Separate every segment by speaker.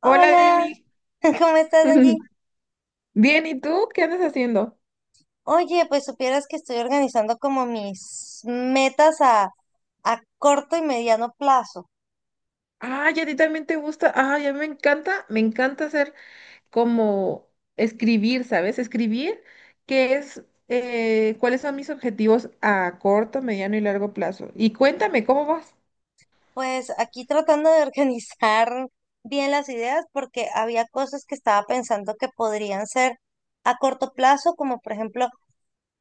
Speaker 1: Hola,
Speaker 2: Hola,
Speaker 1: Demi.
Speaker 2: ¿cómo estás, Angie?
Speaker 1: Bien, ¿y tú? ¿Qué andas haciendo?
Speaker 2: Oye, pues supieras que estoy organizando como mis metas a corto y mediano plazo.
Speaker 1: Ah, ya a ti también te gusta. Ah, ya me encanta hacer como escribir, ¿sabes? Escribir, que es cuáles son mis objetivos a corto, mediano y largo plazo. Y cuéntame, ¿cómo vas?
Speaker 2: Pues aquí tratando de organizar bien las ideas porque había cosas que estaba pensando que podrían ser a corto plazo, como por ejemplo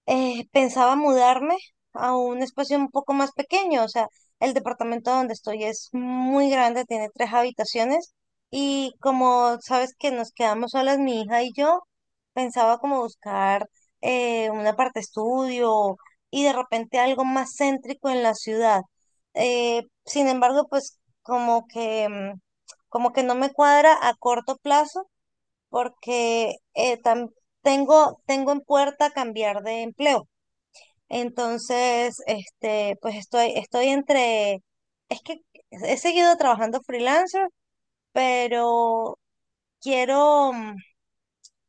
Speaker 2: pensaba mudarme a un espacio un poco más pequeño, o sea, el departamento donde estoy es muy grande, tiene tres habitaciones y como sabes que nos quedamos solas mi hija y yo, pensaba como buscar un aparte estudio y de repente algo más céntrico en la ciudad. Sin embargo, pues como que, como que no me cuadra a corto plazo porque tengo, tengo en puerta cambiar de empleo. Entonces, este, pues estoy, estoy entre, es que he seguido trabajando freelancer, pero quiero, o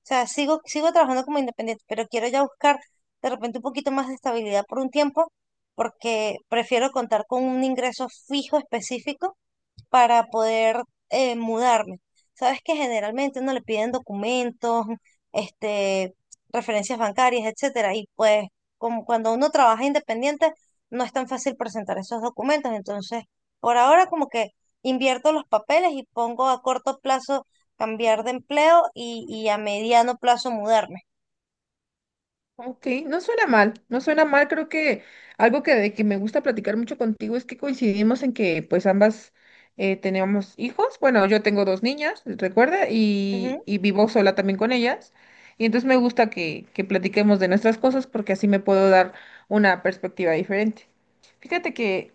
Speaker 2: sea, sigo, sigo trabajando como independiente, pero quiero ya buscar de repente un poquito más de estabilidad por un tiempo, porque prefiero contar con un ingreso fijo específico para poder mudarme. Sabes que generalmente uno le piden documentos, este, referencias bancarias, etcétera, y pues como cuando uno trabaja independiente no es tan fácil presentar esos documentos, entonces por ahora como que invierto los papeles y pongo a corto plazo cambiar de empleo y a mediano plazo mudarme.
Speaker 1: Ok, no suena mal, no suena mal, creo que algo que, de que me gusta platicar mucho contigo es que coincidimos en que pues ambas tenemos hijos. Bueno, yo tengo dos niñas, recuerda, y vivo sola también con ellas, y entonces me gusta que platiquemos de nuestras cosas porque así me puedo dar una perspectiva diferente. Fíjate que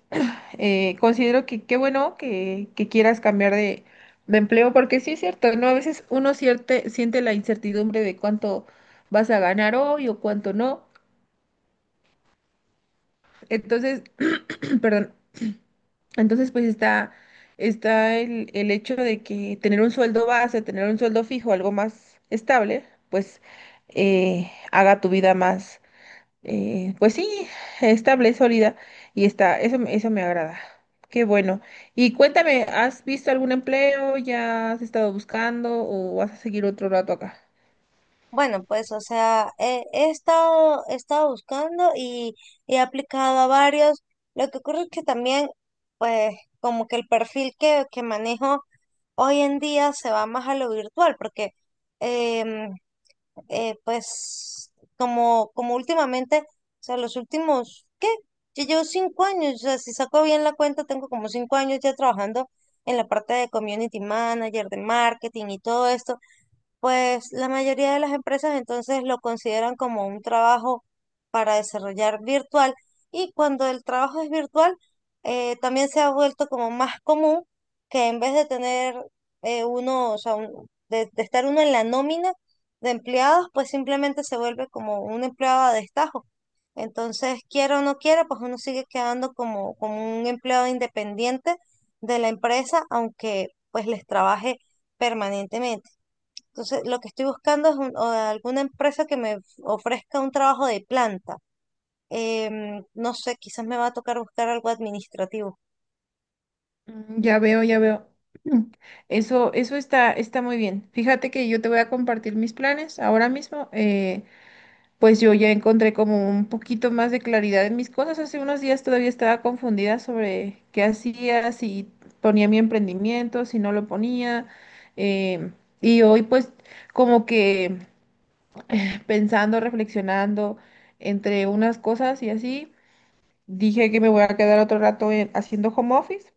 Speaker 1: considero que qué bueno que quieras cambiar de empleo, porque sí es cierto, ¿no? A veces uno siente la incertidumbre de cuánto vas a ganar hoy o cuánto no. Entonces, perdón, entonces pues está, está el hecho de que tener un sueldo base, tener un sueldo fijo, algo más estable, pues haga tu vida, pues sí, estable, sólida, y está, eso, eso me agrada. Qué bueno. Y cuéntame, ¿has visto algún empleo? ¿Ya has estado buscando o vas a seguir otro rato acá?
Speaker 2: Bueno, pues, o sea, he, he estado buscando y he aplicado a varios. Lo que ocurre es que también, pues, como que el perfil que manejo hoy en día se va más a lo virtual, porque, em, pues, como últimamente, o sea, los últimos, ¿qué? Yo llevo cinco años, o sea, si saco bien la cuenta, tengo como cinco años ya trabajando en la parte de community manager, de marketing y todo esto. Pues la mayoría de las empresas entonces lo consideran como un trabajo para desarrollar virtual y cuando el trabajo es virtual también se ha vuelto como más común que en vez de tener o sea, de estar uno en la nómina de empleados, pues simplemente se vuelve como un empleado a destajo. Entonces, quiera o no quiera, pues uno sigue quedando como, como un empleado independiente de la empresa, aunque pues les trabaje permanentemente. Entonces, lo que estoy buscando es o alguna empresa que me ofrezca un trabajo de planta. Em, no sé, quizás me va a tocar buscar algo administrativo.
Speaker 1: Mm, ya veo, ya veo. Mm, eso, eso está, está muy bien. Fíjate que yo te voy a compartir mis planes ahora mismo. Pues yo ya encontré como un poquito más de claridad en mis cosas. Hace unos días todavía estaba confundida sobre qué hacía, si ponía mi emprendimiento, si no lo ponía. em, y hoy pues como que pensando, reflexionando entre unas cosas y así, dije que me voy a quedar otro rato haciendo home office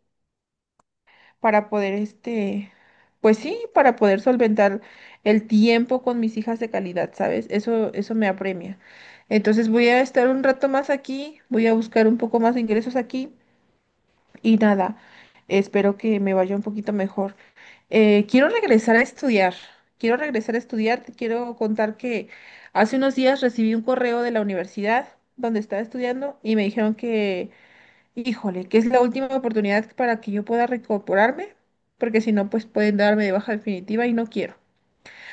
Speaker 1: para poder, este, pues sí, para poder solventar el tiempo con mis hijas de calidad, ¿sabes? Eso me apremia. Entonces voy a estar un rato más aquí, voy a buscar un poco más de ingresos aquí y nada, espero que me vaya un poquito mejor. Quiero regresar a estudiar, quiero regresar a estudiar, te quiero contar que hace unos días recibí un correo de la universidad donde estaba estudiando y me dijeron que, híjole, que es la última oportunidad para que yo pueda reincorporarme, porque si no, pues pueden darme de baja definitiva y no quiero.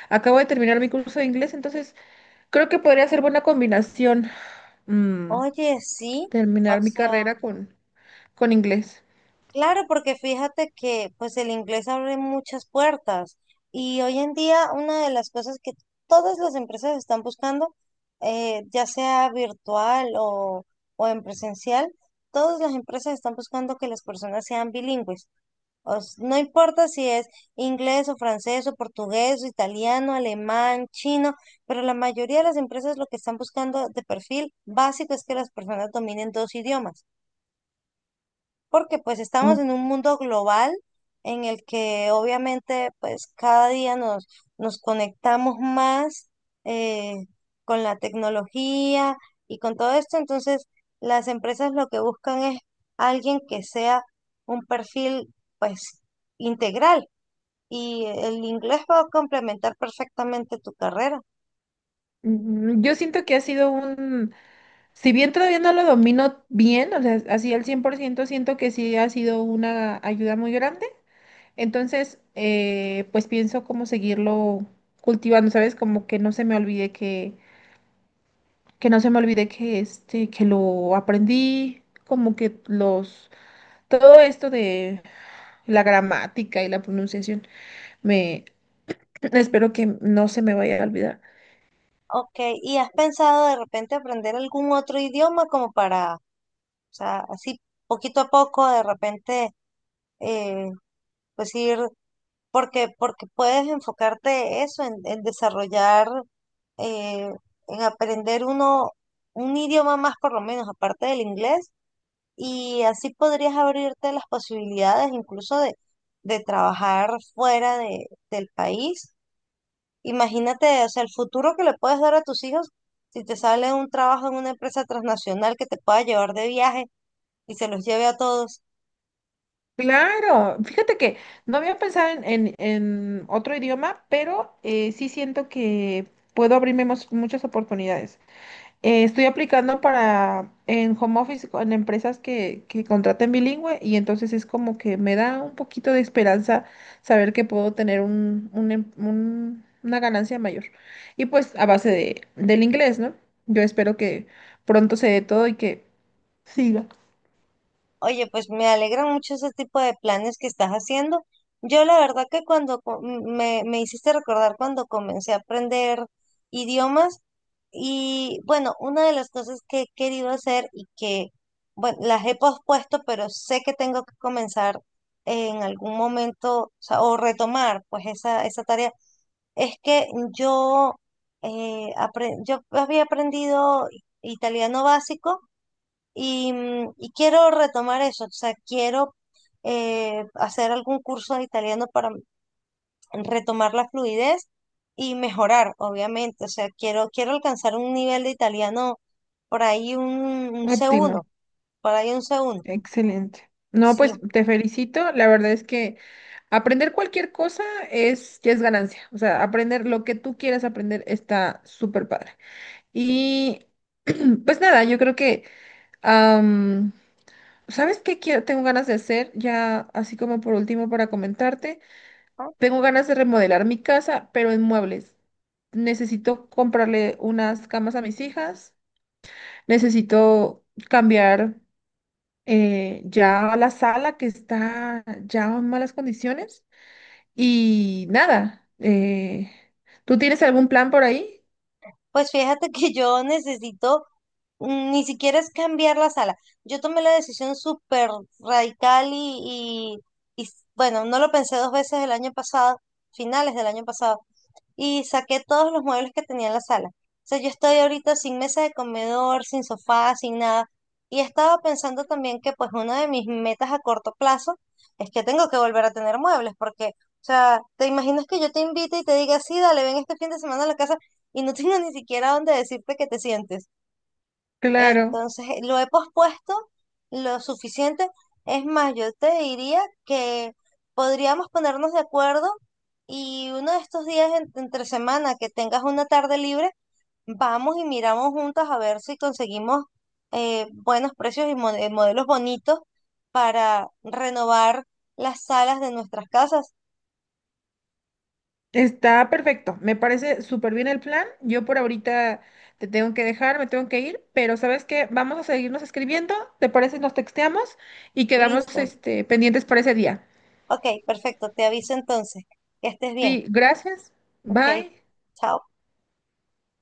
Speaker 1: Acabo de terminar mi curso de inglés, entonces creo que podría ser buena combinación mm,
Speaker 2: Oye, sí, o
Speaker 1: terminar mi
Speaker 2: sea,
Speaker 1: carrera con inglés.
Speaker 2: claro, porque fíjate que pues el inglés abre muchas puertas y hoy en día una de las cosas que todas las empresas están buscando, ya sea virtual o en presencial, todas las empresas están buscando que las personas sean bilingües. O s- no importa si es inglés o francés o portugués o italiano, alemán, chino, pero la mayoría de las empresas lo que están buscando de perfil básico es que las personas dominen dos idiomas, porque pues estamos
Speaker 1: Oh,
Speaker 2: en un mundo global en el que obviamente pues cada día nos, nos conectamos más eh, con la tecnología y con todo esto, entonces las empresas lo que buscan es alguien que sea un perfil pues integral y el inglés va a complementar perfectamente tu carrera.
Speaker 1: mm, yo siento que ha sido un, si bien todavía no lo domino bien, o sea, así al 100%, siento que sí ha sido una ayuda muy grande. Entonces, pues pienso cómo seguirlo cultivando, ¿sabes? Como que no se me olvide que no se me olvide que este, que lo aprendí, como que los, todo esto de la gramática y la pronunciación, me espero que no se me vaya a olvidar.
Speaker 2: Ok, ¿y has pensado de repente aprender algún otro idioma como para, o sea, así poquito a poco de repente, eh, pues ir, porque, porque puedes enfocarte eso, en desarrollar, eh, en aprender uno, un idioma más por lo menos, aparte del inglés, y así podrías abrirte las posibilidades incluso de trabajar fuera de, del país. Imagínate, o sea, el futuro que le puedes dar a tus hijos si te sale un trabajo en una empresa transnacional que te pueda llevar de viaje y se los lleve a todos.
Speaker 1: Claro, fíjate que no había pensado en, en otro idioma, pero sí siento que puedo abrirme muchas oportunidades. Estoy aplicando para en home office, en empresas que contraten bilingüe y entonces es como que me da un poquito de esperanza saber que puedo tener un, una ganancia mayor. Y pues a base de, del inglés, ¿no? Yo espero que pronto se dé todo y que siga.
Speaker 2: Oye, pues me alegran mucho ese tipo de planes que estás haciendo. Yo la verdad que cuando me hiciste recordar cuando comencé a aprender idiomas y bueno, una de las cosas que he querido hacer y que, bueno, las he pospuesto, pero sé que tengo que comenzar en algún momento, o sea, o retomar pues esa tarea. Es que yo, yo había aprendido italiano básico y y quiero retomar eso, o sea, quiero hacer algún curso de italiano para retomar la fluidez y mejorar, obviamente, o sea, quiero, quiero alcanzar un nivel de italiano por ahí un c
Speaker 1: Óptima,
Speaker 2: uno por ahí un c uno
Speaker 1: excelente. No,
Speaker 2: sí.
Speaker 1: pues te felicito. La verdad es que aprender cualquier cosa es, ya es ganancia. O sea, aprender lo que tú quieras aprender está súper padre. Y pues nada, yo creo que, am, ¿sabes qué quiero? Tengo ganas de hacer, ya así como por último para comentarte,
Speaker 2: Ah,
Speaker 1: tengo ganas de remodelar mi casa, pero en muebles. Necesito comprarle unas camas a mis hijas, necesito cambiar ya la sala que está ya en malas condiciones y nada, ¿tú tienes algún plan por ahí?
Speaker 2: pues fíjate que yo necesito, ni siquiera es cambiar la sala. Yo tomé la decisión súper radical y bueno, no lo pensé dos veces el año pasado, finales del año pasado, y saqué todos los muebles que tenía en la sala. O sea, yo estoy ahorita sin mesa de comedor, sin sofá, sin nada. Y estaba pensando también que pues una de mis metas a corto plazo es que tengo que volver a tener muebles, porque, o sea, te imaginas que yo te invite y te diga, sí, dale, ven este fin de semana a la casa y no tengo ni siquiera dónde decirte que te sientes.
Speaker 1: Claro.
Speaker 2: Entonces, lo he pospuesto lo suficiente. Es más, yo te diría que podríamos ponernos de acuerdo y uno de estos días entre semana que tengas una tarde libre, vamos y miramos juntas a ver si conseguimos buenos precios y modelos bonitos para renovar las salas de nuestras casas.
Speaker 1: Está perfecto, me parece súper bien el plan. Yo por ahorita te tengo que dejar, me tengo que ir, pero ¿sabes qué? Vamos a seguirnos escribiendo, ¿te parece? Nos texteamos y quedamos
Speaker 2: Listo.
Speaker 1: este, pendientes para ese día.
Speaker 2: Ok, perfecto. Te aviso entonces. Que estés bien.
Speaker 1: Sí, gracias.
Speaker 2: Ok,
Speaker 1: Bye.
Speaker 2: chao.